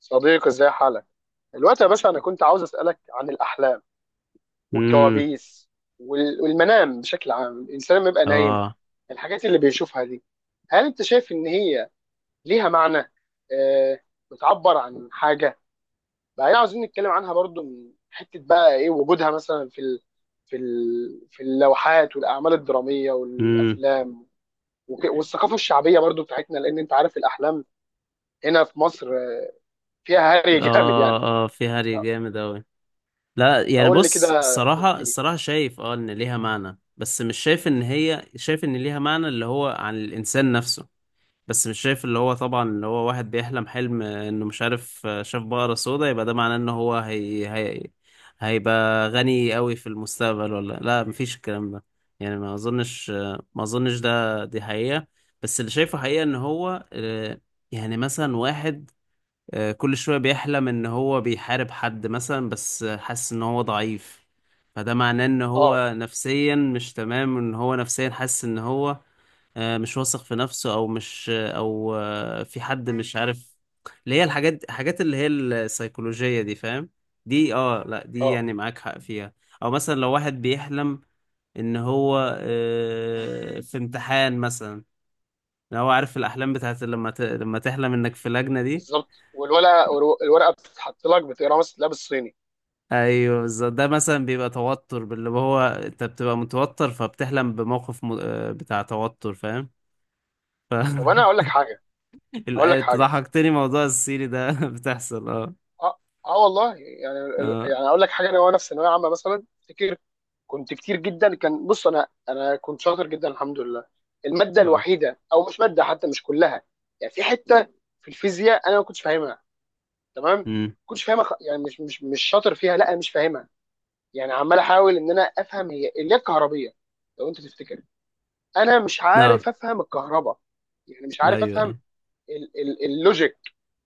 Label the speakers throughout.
Speaker 1: صديقي، ازاي حالك الوقت يا باشا؟ انا كنت عاوز اسالك عن الاحلام
Speaker 2: امم.
Speaker 1: والكوابيس والمنام بشكل عام. الانسان لما يبقى نايم،
Speaker 2: اه.
Speaker 1: الحاجات اللي بيشوفها دي، هل انت شايف ان هي ليها معنى؟ آه بتعبر عن حاجه؟ بعدين عاوزين نتكلم عنها برضو من حته بقى ايه وجودها مثلا في اللوحات والاعمال الدراميه
Speaker 2: امم.
Speaker 1: والافلام، والثقافه الشعبيه برضو بتاعتنا. لان انت عارف الاحلام هنا في مصر فيها هري جامد يعني.
Speaker 2: اه. اه، في
Speaker 1: ف-
Speaker 2: هري جامد اوي. لا، يعني
Speaker 1: فقول لي كده
Speaker 2: بص. الصراحة
Speaker 1: الدنيا.
Speaker 2: شايف ان ليها معنى، بس مش شايف ان هي ان ليها معنى اللي هو عن الانسان نفسه. بس مش شايف، اللي هو طبعا اللي هو واحد بيحلم حلم انه مش عارف، شاف بقرة سودا، يبقى ده معناه ان هو هي هي هيبقى غني اوي في المستقبل ولا لا. مفيش الكلام ده. يعني ما اظنش دي حقيقة. بس اللي شايفه حقيقة ان هو، يعني مثلا واحد، كل شوية بيحلم ان هو بيحارب حد مثلا، بس حاسس ان هو ضعيف. فده معناه ان
Speaker 1: اه،
Speaker 2: هو نفسيا مش تمام، ان هو نفسيا حاسس ان هو مش واثق في نفسه، او مش او آه، في حد، مش عارف. اللي هي الحاجات اللي هي السيكولوجية دي، فاهم؟ دي، لا، دي
Speaker 1: اه،
Speaker 2: يعني معاك حق فيها. او مثلا لو واحد بيحلم ان هو، في امتحان مثلا. لو هو عارف الاحلام بتاعت، لما لما تحلم انك في لجنة دي.
Speaker 1: بالظبط. والورقه، الورقه بتتحط لك، بتقراها مثلا تلاقيها بالصيني.
Speaker 2: ايوه، بالظبط. ده مثلا بيبقى توتر، باللي هو انت بتبقى متوتر فبتحلم بموقف م... آه، بتاع توتر، فاهم؟ ف
Speaker 1: طب انا اقول لك حاجه. اقول لك
Speaker 2: أنت
Speaker 1: حاجه
Speaker 2: ضحكتني. موضوع السيري ده بتحصل، اه.
Speaker 1: اه، اه والله يعني.
Speaker 2: اه.
Speaker 1: يعني اقول لك حاجه، انا وانا في ثانويه عامه مثلا افتكر كنت كتير جدا. كان بص، انا كنت شاطر جدا الحمد لله. الماده
Speaker 2: اه.
Speaker 1: الوحيده او مش ماده حتى، مش كلها. يعني في حته في الفيزياء انا ما كنتش فاهمها تمام. ما
Speaker 2: امم.
Speaker 1: كنتش فاهمها، يعني مش شاطر فيها. لا، انا مش فاهمها. يعني عمال احاول ان انا افهم هي اللي هي الكهربيه. لو انت تفتكر، انا مش
Speaker 2: اه.
Speaker 1: عارف افهم الكهرباء. يعني مش
Speaker 2: ايوه.
Speaker 1: عارف افهم
Speaker 2: ايوه.
Speaker 1: اللوجيك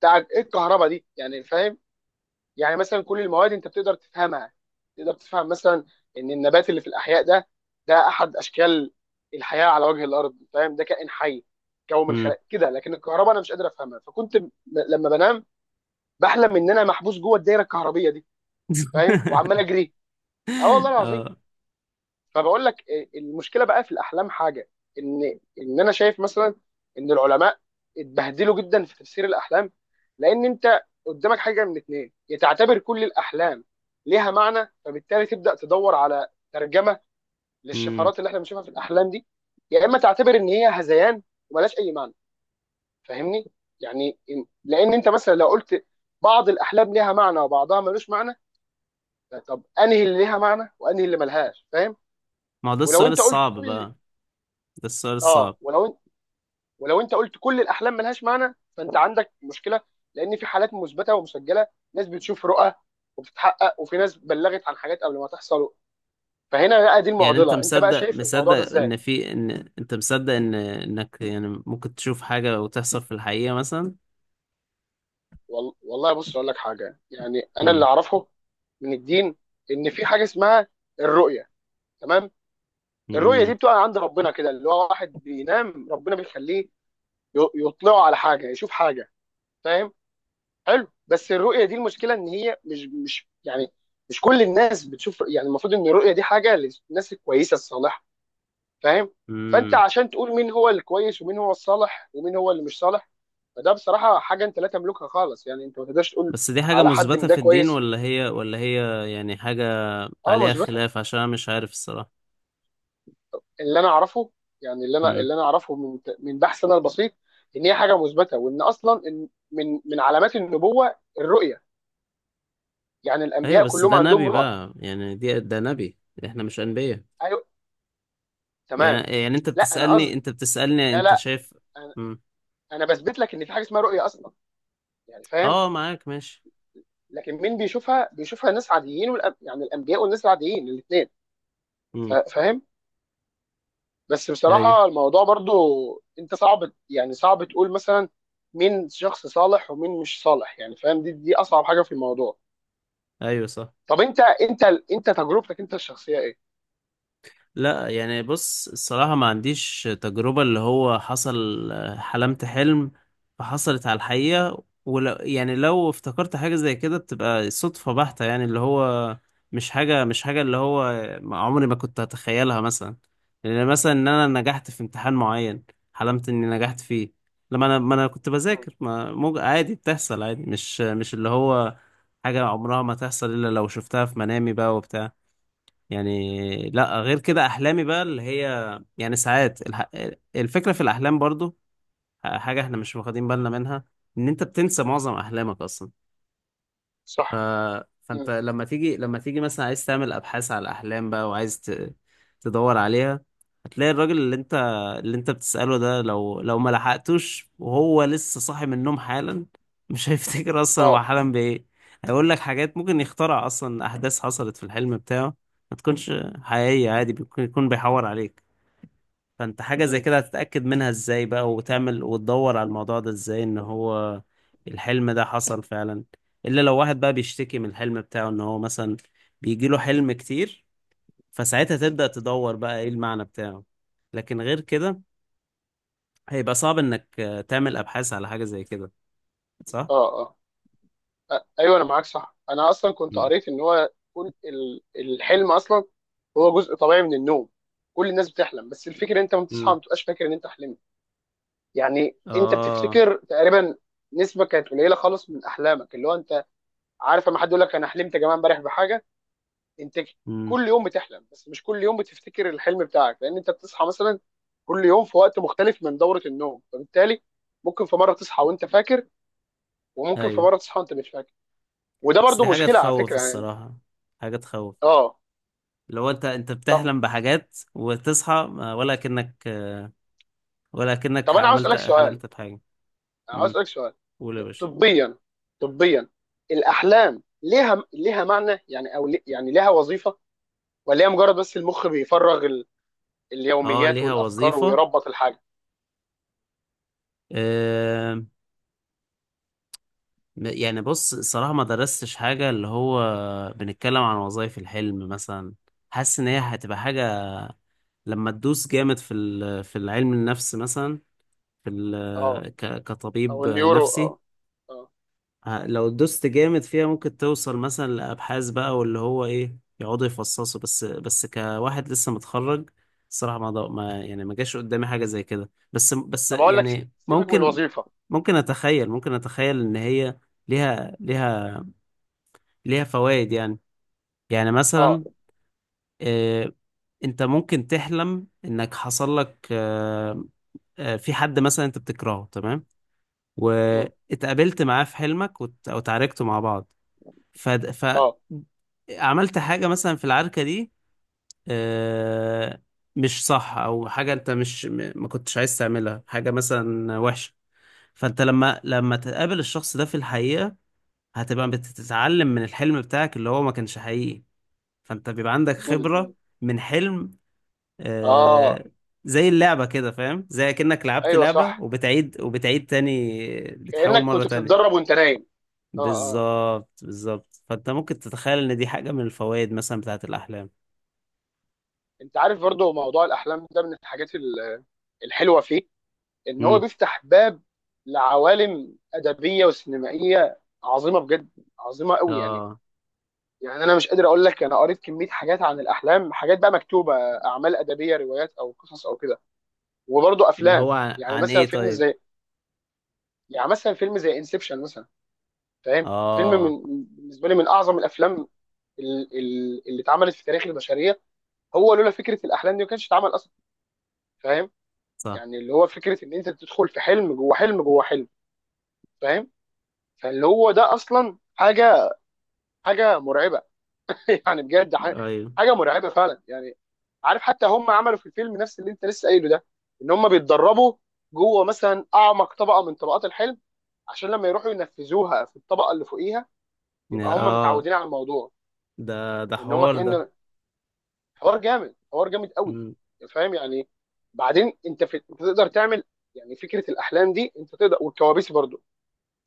Speaker 1: بتاع ايه الكهرباء دي يعني. فاهم؟ يعني مثلا كل المواد انت بتقدر تفهمها. تقدر تفهم مثلا ان النبات اللي في الاحياء ده احد اشكال الحياه على وجه الارض، فاهم؟ ده كائن حي، كون من
Speaker 2: امم.
Speaker 1: خلق كده. لكن الكهرباء انا مش قادر افهمها، فكنت لما بنام بحلم ان انا محبوس جوه الدايره الكهربيه دي، فاهم؟ وعمال اجري. اه والله العظيم.
Speaker 2: اه.
Speaker 1: فبقول لك إيه، المشكله بقى في الاحلام حاجه، ان انا شايف مثلا ان العلماء اتبهدلوا جدا في تفسير الاحلام. لان انت قدامك حاجه من اتنين، يا تعتبر كل الاحلام ليها معنى فبالتالي تبدا تدور على ترجمه
Speaker 2: امم.
Speaker 1: للشفرات اللي احنا بنشوفها في الاحلام دي، يا اما تعتبر ان هي هذيان وملهاش اي معنى. فاهمني؟ يعني لان انت مثلا لو قلت بعض الاحلام ليها معنى وبعضها ملوش معنى، طب انهي اللي ليها معنى وانهي اللي ملهاش، فاهم؟
Speaker 2: ما هو ده
Speaker 1: ولو
Speaker 2: السؤال
Speaker 1: انت قلت
Speaker 2: الصعب
Speaker 1: كل...
Speaker 2: بقى. ده السؤال
Speaker 1: اه،
Speaker 2: الصعب.
Speaker 1: ولو انت قلت كل الاحلام ملهاش معنى فانت عندك مشكله، لان في حالات مثبته ومسجله، ناس بتشوف رؤى وبتتحقق، وفي ناس بلغت عن حاجات قبل ما تحصل. فهنا بقى دي
Speaker 2: يعني انت
Speaker 1: المعضله. انت بقى
Speaker 2: مصدق
Speaker 1: شايف الموضوع ده ازاي؟
Speaker 2: ان في ان انت مصدق انك يعني ممكن تشوف حاجة وتحصل في الحقيقة مثلا.
Speaker 1: والله بص، اقول لك حاجه. يعني انا اللي
Speaker 2: امم.
Speaker 1: اعرفه من الدين ان في حاجه اسمها الرؤيه، تمام؟ الرؤيه دي بتقع عند ربنا كده، اللي هو واحد بينام ربنا بيخليه يطلعه على حاجه، يشوف حاجه، فاهم؟ حلو. بس الرؤيه دي المشكله ان هي مش يعني مش كل الناس بتشوف. يعني المفروض ان الرؤيه دي حاجه للناس الكويسه الصالحه، فاهم؟ فانت
Speaker 2: امم.
Speaker 1: عشان تقول مين هو الكويس ومين هو الصالح ومين هو اللي مش صالح، فده بصراحه حاجه انت لا تملكها خالص. يعني انت ما تقدرش تقول
Speaker 2: بس دي حاجة
Speaker 1: على حد ان
Speaker 2: مثبتة
Speaker 1: ده
Speaker 2: في الدين،
Speaker 1: كويس.
Speaker 2: ولا هي يعني حاجة
Speaker 1: اه،
Speaker 2: عليها
Speaker 1: مثبته.
Speaker 2: خلاف، عشان أنا مش عارف الصراحة.
Speaker 1: اللي انا اعرفه، يعني اللي انا
Speaker 2: امم.
Speaker 1: اللي انا اعرفه من بحث انا البسيط، ان هي حاجه مثبته، وان اصلا إن من علامات النبوه الرؤيه. يعني
Speaker 2: أيوة،
Speaker 1: الانبياء
Speaker 2: بس
Speaker 1: كلهم
Speaker 2: ده
Speaker 1: عندهم
Speaker 2: نبي
Speaker 1: رؤى.
Speaker 2: بقى. يعني ده نبي، إحنا مش أنبياء.
Speaker 1: ايوه، تمام.
Speaker 2: يعني
Speaker 1: لا، انا قصدي،
Speaker 2: أنت بتسألني
Speaker 1: لا،
Speaker 2: أنت
Speaker 1: لا،
Speaker 2: شايف؟
Speaker 1: انا
Speaker 2: امم.
Speaker 1: انا بثبت لك ان في حاجه اسمها رؤيه اصلا، يعني فاهم؟
Speaker 2: أه، معاك ماشي.
Speaker 1: لكن مين بيشوفها؟ بيشوفها ناس عاديين والأب... يعني الانبياء والناس العاديين الاثنين،
Speaker 2: امم.
Speaker 1: فاهم؟ بس
Speaker 2: أيوة.
Speaker 1: بصراحه الموضوع برضو انت صعب، يعني صعب تقول مثلا مين شخص صالح ومين مش صالح، يعني فاهم، دي اصعب حاجه في الموضوع.
Speaker 2: أيوة، صح.
Speaker 1: طب انت تجربتك انت الشخصيه ايه؟
Speaker 2: لا، يعني بص. الصراحة ما عنديش تجربة، اللي هو حصل حلمت حلم فحصلت على الحقيقة. ولو يعني لو افتكرت حاجة زي كده بتبقى صدفة بحتة، يعني اللي هو مش حاجة اللي هو عمري ما كنت هتخيلها مثلا. يعني مثلا ان انا نجحت في امتحان معين، حلمت اني نجحت فيه لما ما انا كنت
Speaker 1: مم.
Speaker 2: بذاكر. ما مج... عادي بتحصل، عادي مش اللي هو حاجة عمرها ما تحصل الا لو شفتها في منامي بقى وبتاع. يعني لا، غير كده احلامي بقى اللي هي يعني ساعات الفكره في الاحلام برضو حاجه احنا مش واخدين بالنا منها، ان انت بتنسى معظم احلامك اصلا. ف...
Speaker 1: صح.
Speaker 2: فانت
Speaker 1: مم.
Speaker 2: لما تيجي مثلا عايز تعمل ابحاث على الاحلام بقى، وعايز تدور عليها، هتلاقي الراجل اللي انت بتسأله ده، لو ما لحقتوش وهو لسه صاحي من النوم حالا، مش هيفتكر اصلا هو
Speaker 1: اه.
Speaker 2: حلم بايه. هيقول لك حاجات ممكن يخترع اصلا احداث حصلت في الحلم بتاعه ما تكونش حقيقية، عادي يكون بيحور عليك. فانت حاجة زي
Speaker 1: مم.
Speaker 2: كده هتتأكد منها ازاي بقى؟ وتعمل وتدور على الموضوع ده ازاي، ان هو الحلم ده حصل فعلا؟ الا لو واحد بقى بيشتكي من الحلم بتاعه، ان هو مثلا بيجيله حلم كتير، فساعتها تبدأ تدور بقى ايه المعنى بتاعه. لكن غير كده هيبقى صعب انك تعمل ابحاث على حاجة زي كده. صح؟
Speaker 1: اه، اه. ايوه انا معاك صح. انا اصلا كنت
Speaker 2: مم.
Speaker 1: قريت ان هو كل الحلم اصلا هو جزء طبيعي من النوم. كل الناس بتحلم بس الفكره انت لما بتصحى ما
Speaker 2: مم.
Speaker 1: بتبقاش فاكر ان انت حلمت. يعني انت
Speaker 2: اه.
Speaker 1: بتفتكر تقريبا نسبه كانت قليله خالص من احلامك. اللي هو انت عارف لما حد يقول لك انا حلمت يا جماعه امبارح بحاجه، انت
Speaker 2: مم.
Speaker 1: كل يوم بتحلم بس مش كل يوم بتفتكر الحلم بتاعك، لان انت بتصحى مثلا كل يوم في وقت مختلف من دوره النوم. فبالتالي ممكن في مره تصحى وانت فاكر، وممكن في
Speaker 2: ايوه.
Speaker 1: مره تصحى وانت مش فاكر. وده
Speaker 2: بس دي
Speaker 1: برضو
Speaker 2: حاجة
Speaker 1: مشكله على
Speaker 2: تخوف
Speaker 1: فكره يعني.
Speaker 2: الصراحة، حاجة تخوف.
Speaker 1: اه.
Speaker 2: لو انت
Speaker 1: طب
Speaker 2: بتحلم بحاجات وتصحى ولا كأنك، ولكنك
Speaker 1: طب انا عاوز اسالك سؤال.
Speaker 2: حلمت بحاجة.
Speaker 1: انا عاوز
Speaker 2: امم.
Speaker 1: اسالك سؤال.
Speaker 2: قول يا باشا.
Speaker 1: طبيا طبيا، الاحلام ليها معنى يعني؟ او يعني ليها وظيفه؟ ولا هي مجرد بس المخ بيفرغ
Speaker 2: اه،
Speaker 1: اليوميات
Speaker 2: ليها
Speaker 1: والافكار
Speaker 2: وظيفة.
Speaker 1: ويربط الحاجه؟
Speaker 2: آه يعني بص، الصراحة ما درستش حاجة، اللي هو بنتكلم عن وظائف الحلم مثلا. حاسس ان هي هتبقى حاجة لما تدوس جامد في العلم النفس مثلا،
Speaker 1: اه، او
Speaker 2: كطبيب
Speaker 1: النيورو، اه،
Speaker 2: نفسي.
Speaker 1: اه.
Speaker 2: لو دوست جامد فيها ممكن توصل مثلا لأبحاث بقى، واللي هو إيه يقعدوا يفصصوا. بس كواحد لسه متخرج الصراحة ما يعني ما جاش قدامي حاجة زي كده، بس
Speaker 1: طب اقول لك،
Speaker 2: يعني
Speaker 1: سيبك من
Speaker 2: ممكن.
Speaker 1: الوظيفه.
Speaker 2: ممكن أتخيل إن هي ليها ليها ليها فوائد يعني. يعني
Speaker 1: اه،
Speaker 2: مثلا، آه، أنت ممكن تحلم إنك حصل لك، في حد مثلا أنت بتكرهه، تمام،
Speaker 1: مم.
Speaker 2: واتقابلت معاه في حلمك أو اتعاركتوا مع بعض. ف... ف
Speaker 1: اه،
Speaker 2: عملت حاجة مثلا في العركة دي، آه، مش صح، أو حاجة أنت مش م- ما كنتش عايز تعملها، حاجة مثلا وحشة. فأنت لما تقابل الشخص ده في الحقيقة، هتبقى بتتعلم من الحلم بتاعك اللي هو ما كانش حقيقي، فأنت بيبقى عندك
Speaker 1: مم.
Speaker 2: خبرة
Speaker 1: مم.
Speaker 2: من حلم.
Speaker 1: اه.
Speaker 2: آه، زي اللعبة كده، فاهم؟ زي كأنك لعبت
Speaker 1: ايوه
Speaker 2: لعبة
Speaker 1: صح.
Speaker 2: وبتعيد وبتعيد تاني، بتحاول
Speaker 1: كانك
Speaker 2: مرة
Speaker 1: كنت بتتدرب
Speaker 2: تانية.
Speaker 1: وانت نايم. اه، اه.
Speaker 2: بالظبط بالظبط، فانت ممكن تتخيل ان دي حاجة من الفوائد مثلا بتاعت الاحلام.
Speaker 1: انت عارف برضو موضوع الاحلام ده من الحاجات الحلوه فيه ان هو
Speaker 2: امم.
Speaker 1: بيفتح باب لعوالم ادبيه وسينمائيه عظيمه بجد، عظيمه قوي يعني.
Speaker 2: اه.
Speaker 1: يعني انا مش قادر اقول لك، انا قريت كميه حاجات عن الاحلام، حاجات بقى مكتوبه اعمال ادبيه روايات او قصص او كده، وبرضه
Speaker 2: اللي
Speaker 1: افلام.
Speaker 2: هو عن،
Speaker 1: يعني مثلا
Speaker 2: ايه
Speaker 1: فيلم
Speaker 2: طيب؟
Speaker 1: زي يعني مثلا فيلم زي انسبشن مثلا، فاهم؟ فيلم
Speaker 2: اه.
Speaker 1: من بالنسبه لي من اعظم الافلام اللي اتعملت في تاريخ البشريه. هو لولا فكره الاحلام دي ما كانش اتعمل اصلا، فاهم؟
Speaker 2: صح.
Speaker 1: يعني اللي هو فكره ان انت تدخل في حلم جوه حلم جوه حلم، فاهم؟ فاللي هو ده اصلا حاجه، حاجه مرعبه يعني بجد
Speaker 2: ايوه.
Speaker 1: حاجه مرعبه فعلا يعني. عارف حتى هم عملوا في الفيلم نفس اللي انت لسه قايله ده، ان هم بيتدربوا جوه مثلا اعمق طبقه من طبقات الحلم عشان لما يروحوا ينفذوها في الطبقه اللي فوقيها يبقى هم
Speaker 2: اه،
Speaker 1: متعودين على الموضوع.
Speaker 2: ده
Speaker 1: ان هم
Speaker 2: حوار ده.
Speaker 1: كأن حوار جامد، حوار جامد قوي،
Speaker 2: امم.
Speaker 1: فاهم يعني؟ بعدين انت انت تقدر تعمل، يعني فكره الاحلام دي انت تقدر والكوابيس برضو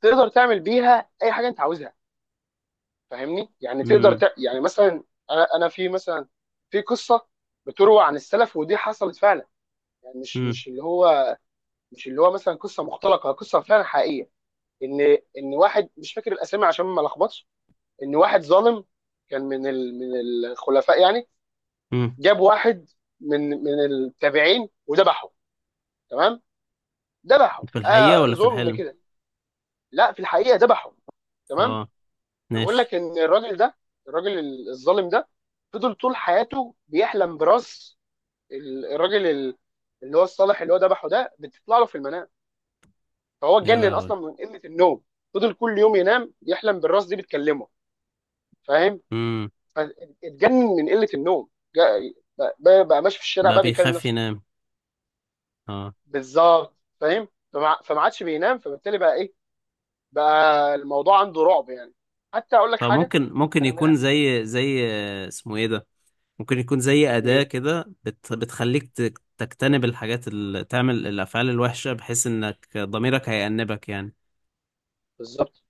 Speaker 1: تقدر تعمل بيها اي حاجه انت عاوزها، فاهمني؟ يعني تقدر
Speaker 2: امم.
Speaker 1: يعني مثلا انا في مثلا، في قصه بتروى عن السلف ودي حصلت فعلا، يعني
Speaker 2: امم.
Speaker 1: مش اللي هو مثلا قصه مختلقه، قصه فعلا حقيقيه. ان ان واحد مش فاكر الاسامي عشان ما لخبطش، ان واحد ظالم كان من من الخلفاء يعني،
Speaker 2: أمم.
Speaker 1: جاب واحد من التابعين وذبحه. تمام. ذبحه،
Speaker 2: في الحقيقة ولا في
Speaker 1: ظلم
Speaker 2: الحلم؟
Speaker 1: كده. لا، في الحقيقه ذبحه. تمام.
Speaker 2: اه.
Speaker 1: بقول
Speaker 2: ماشي.
Speaker 1: لك ان الراجل ده، الراجل الظالم ده فضل طول حياته بيحلم براس ال- الراجل ال- اللي هو الصالح اللي هو ذبحه ده، بتطلع له في المنام. فهو
Speaker 2: يا
Speaker 1: اتجنن
Speaker 2: لهوي.
Speaker 1: اصلا من قله النوم. فضل كل يوم ينام يحلم بالراس دي بتكلمه، فاهم؟
Speaker 2: امم.
Speaker 1: فاتجنن من قله النوم. بقى ماشي في الشارع
Speaker 2: بقى
Speaker 1: بقى بيكلم
Speaker 2: بيخاف
Speaker 1: نفسه.
Speaker 2: ينام. اه.
Speaker 1: بالظبط، فاهم؟ فما عادش بينام فبالتالي بقى ايه، بقى الموضوع عنده رعب يعني. حتى اقول لك حاجه.
Speaker 2: فممكن
Speaker 1: انا من...
Speaker 2: يكون زي اسمه ايه ده. ممكن يكون زي أداة
Speaker 1: مين؟
Speaker 2: كده بتخليك تجتنب الحاجات اللي تعمل الأفعال الوحشة، بحيث إنك ضميرك هيأنبك يعني.
Speaker 1: بالظبط.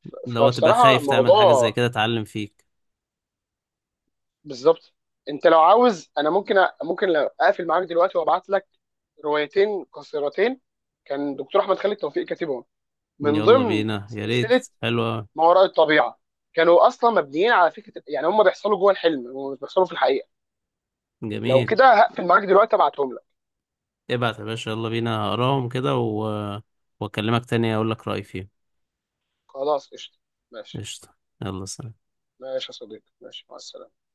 Speaker 2: لو تبقى
Speaker 1: فبصراحه
Speaker 2: خايف تعمل حاجة زي
Speaker 1: موضوع.
Speaker 2: كده، اتعلم فيك.
Speaker 1: بالظبط. انت لو عاوز، انا ممكن ممكن لو اقفل معاك دلوقتي وابعت لك روايتين قصيرتين كان دكتور احمد خالد توفيق كاتبهم، من
Speaker 2: يلا
Speaker 1: ضمن
Speaker 2: بينا، يا ريت.
Speaker 1: سلسله
Speaker 2: حلوة.
Speaker 1: ما وراء الطبيعه. كانوا اصلا مبنيين على فكره، يعني هم بيحصلوا جوه الحلم ومش بيحصلوا في الحقيقه. لو
Speaker 2: جميل.
Speaker 1: كده هقفل معاك دلوقتي ابعتهم لك.
Speaker 2: ابعت يا باشا، يلا بينا، هقراهم كده وأكلمك تاني، أقول لك رأيي فيهم.
Speaker 1: خلاص، قشطه. ماشي.
Speaker 2: قشطة. يلا، سلام.
Speaker 1: ماشي يا صديقي، ماشي، مع السلامه.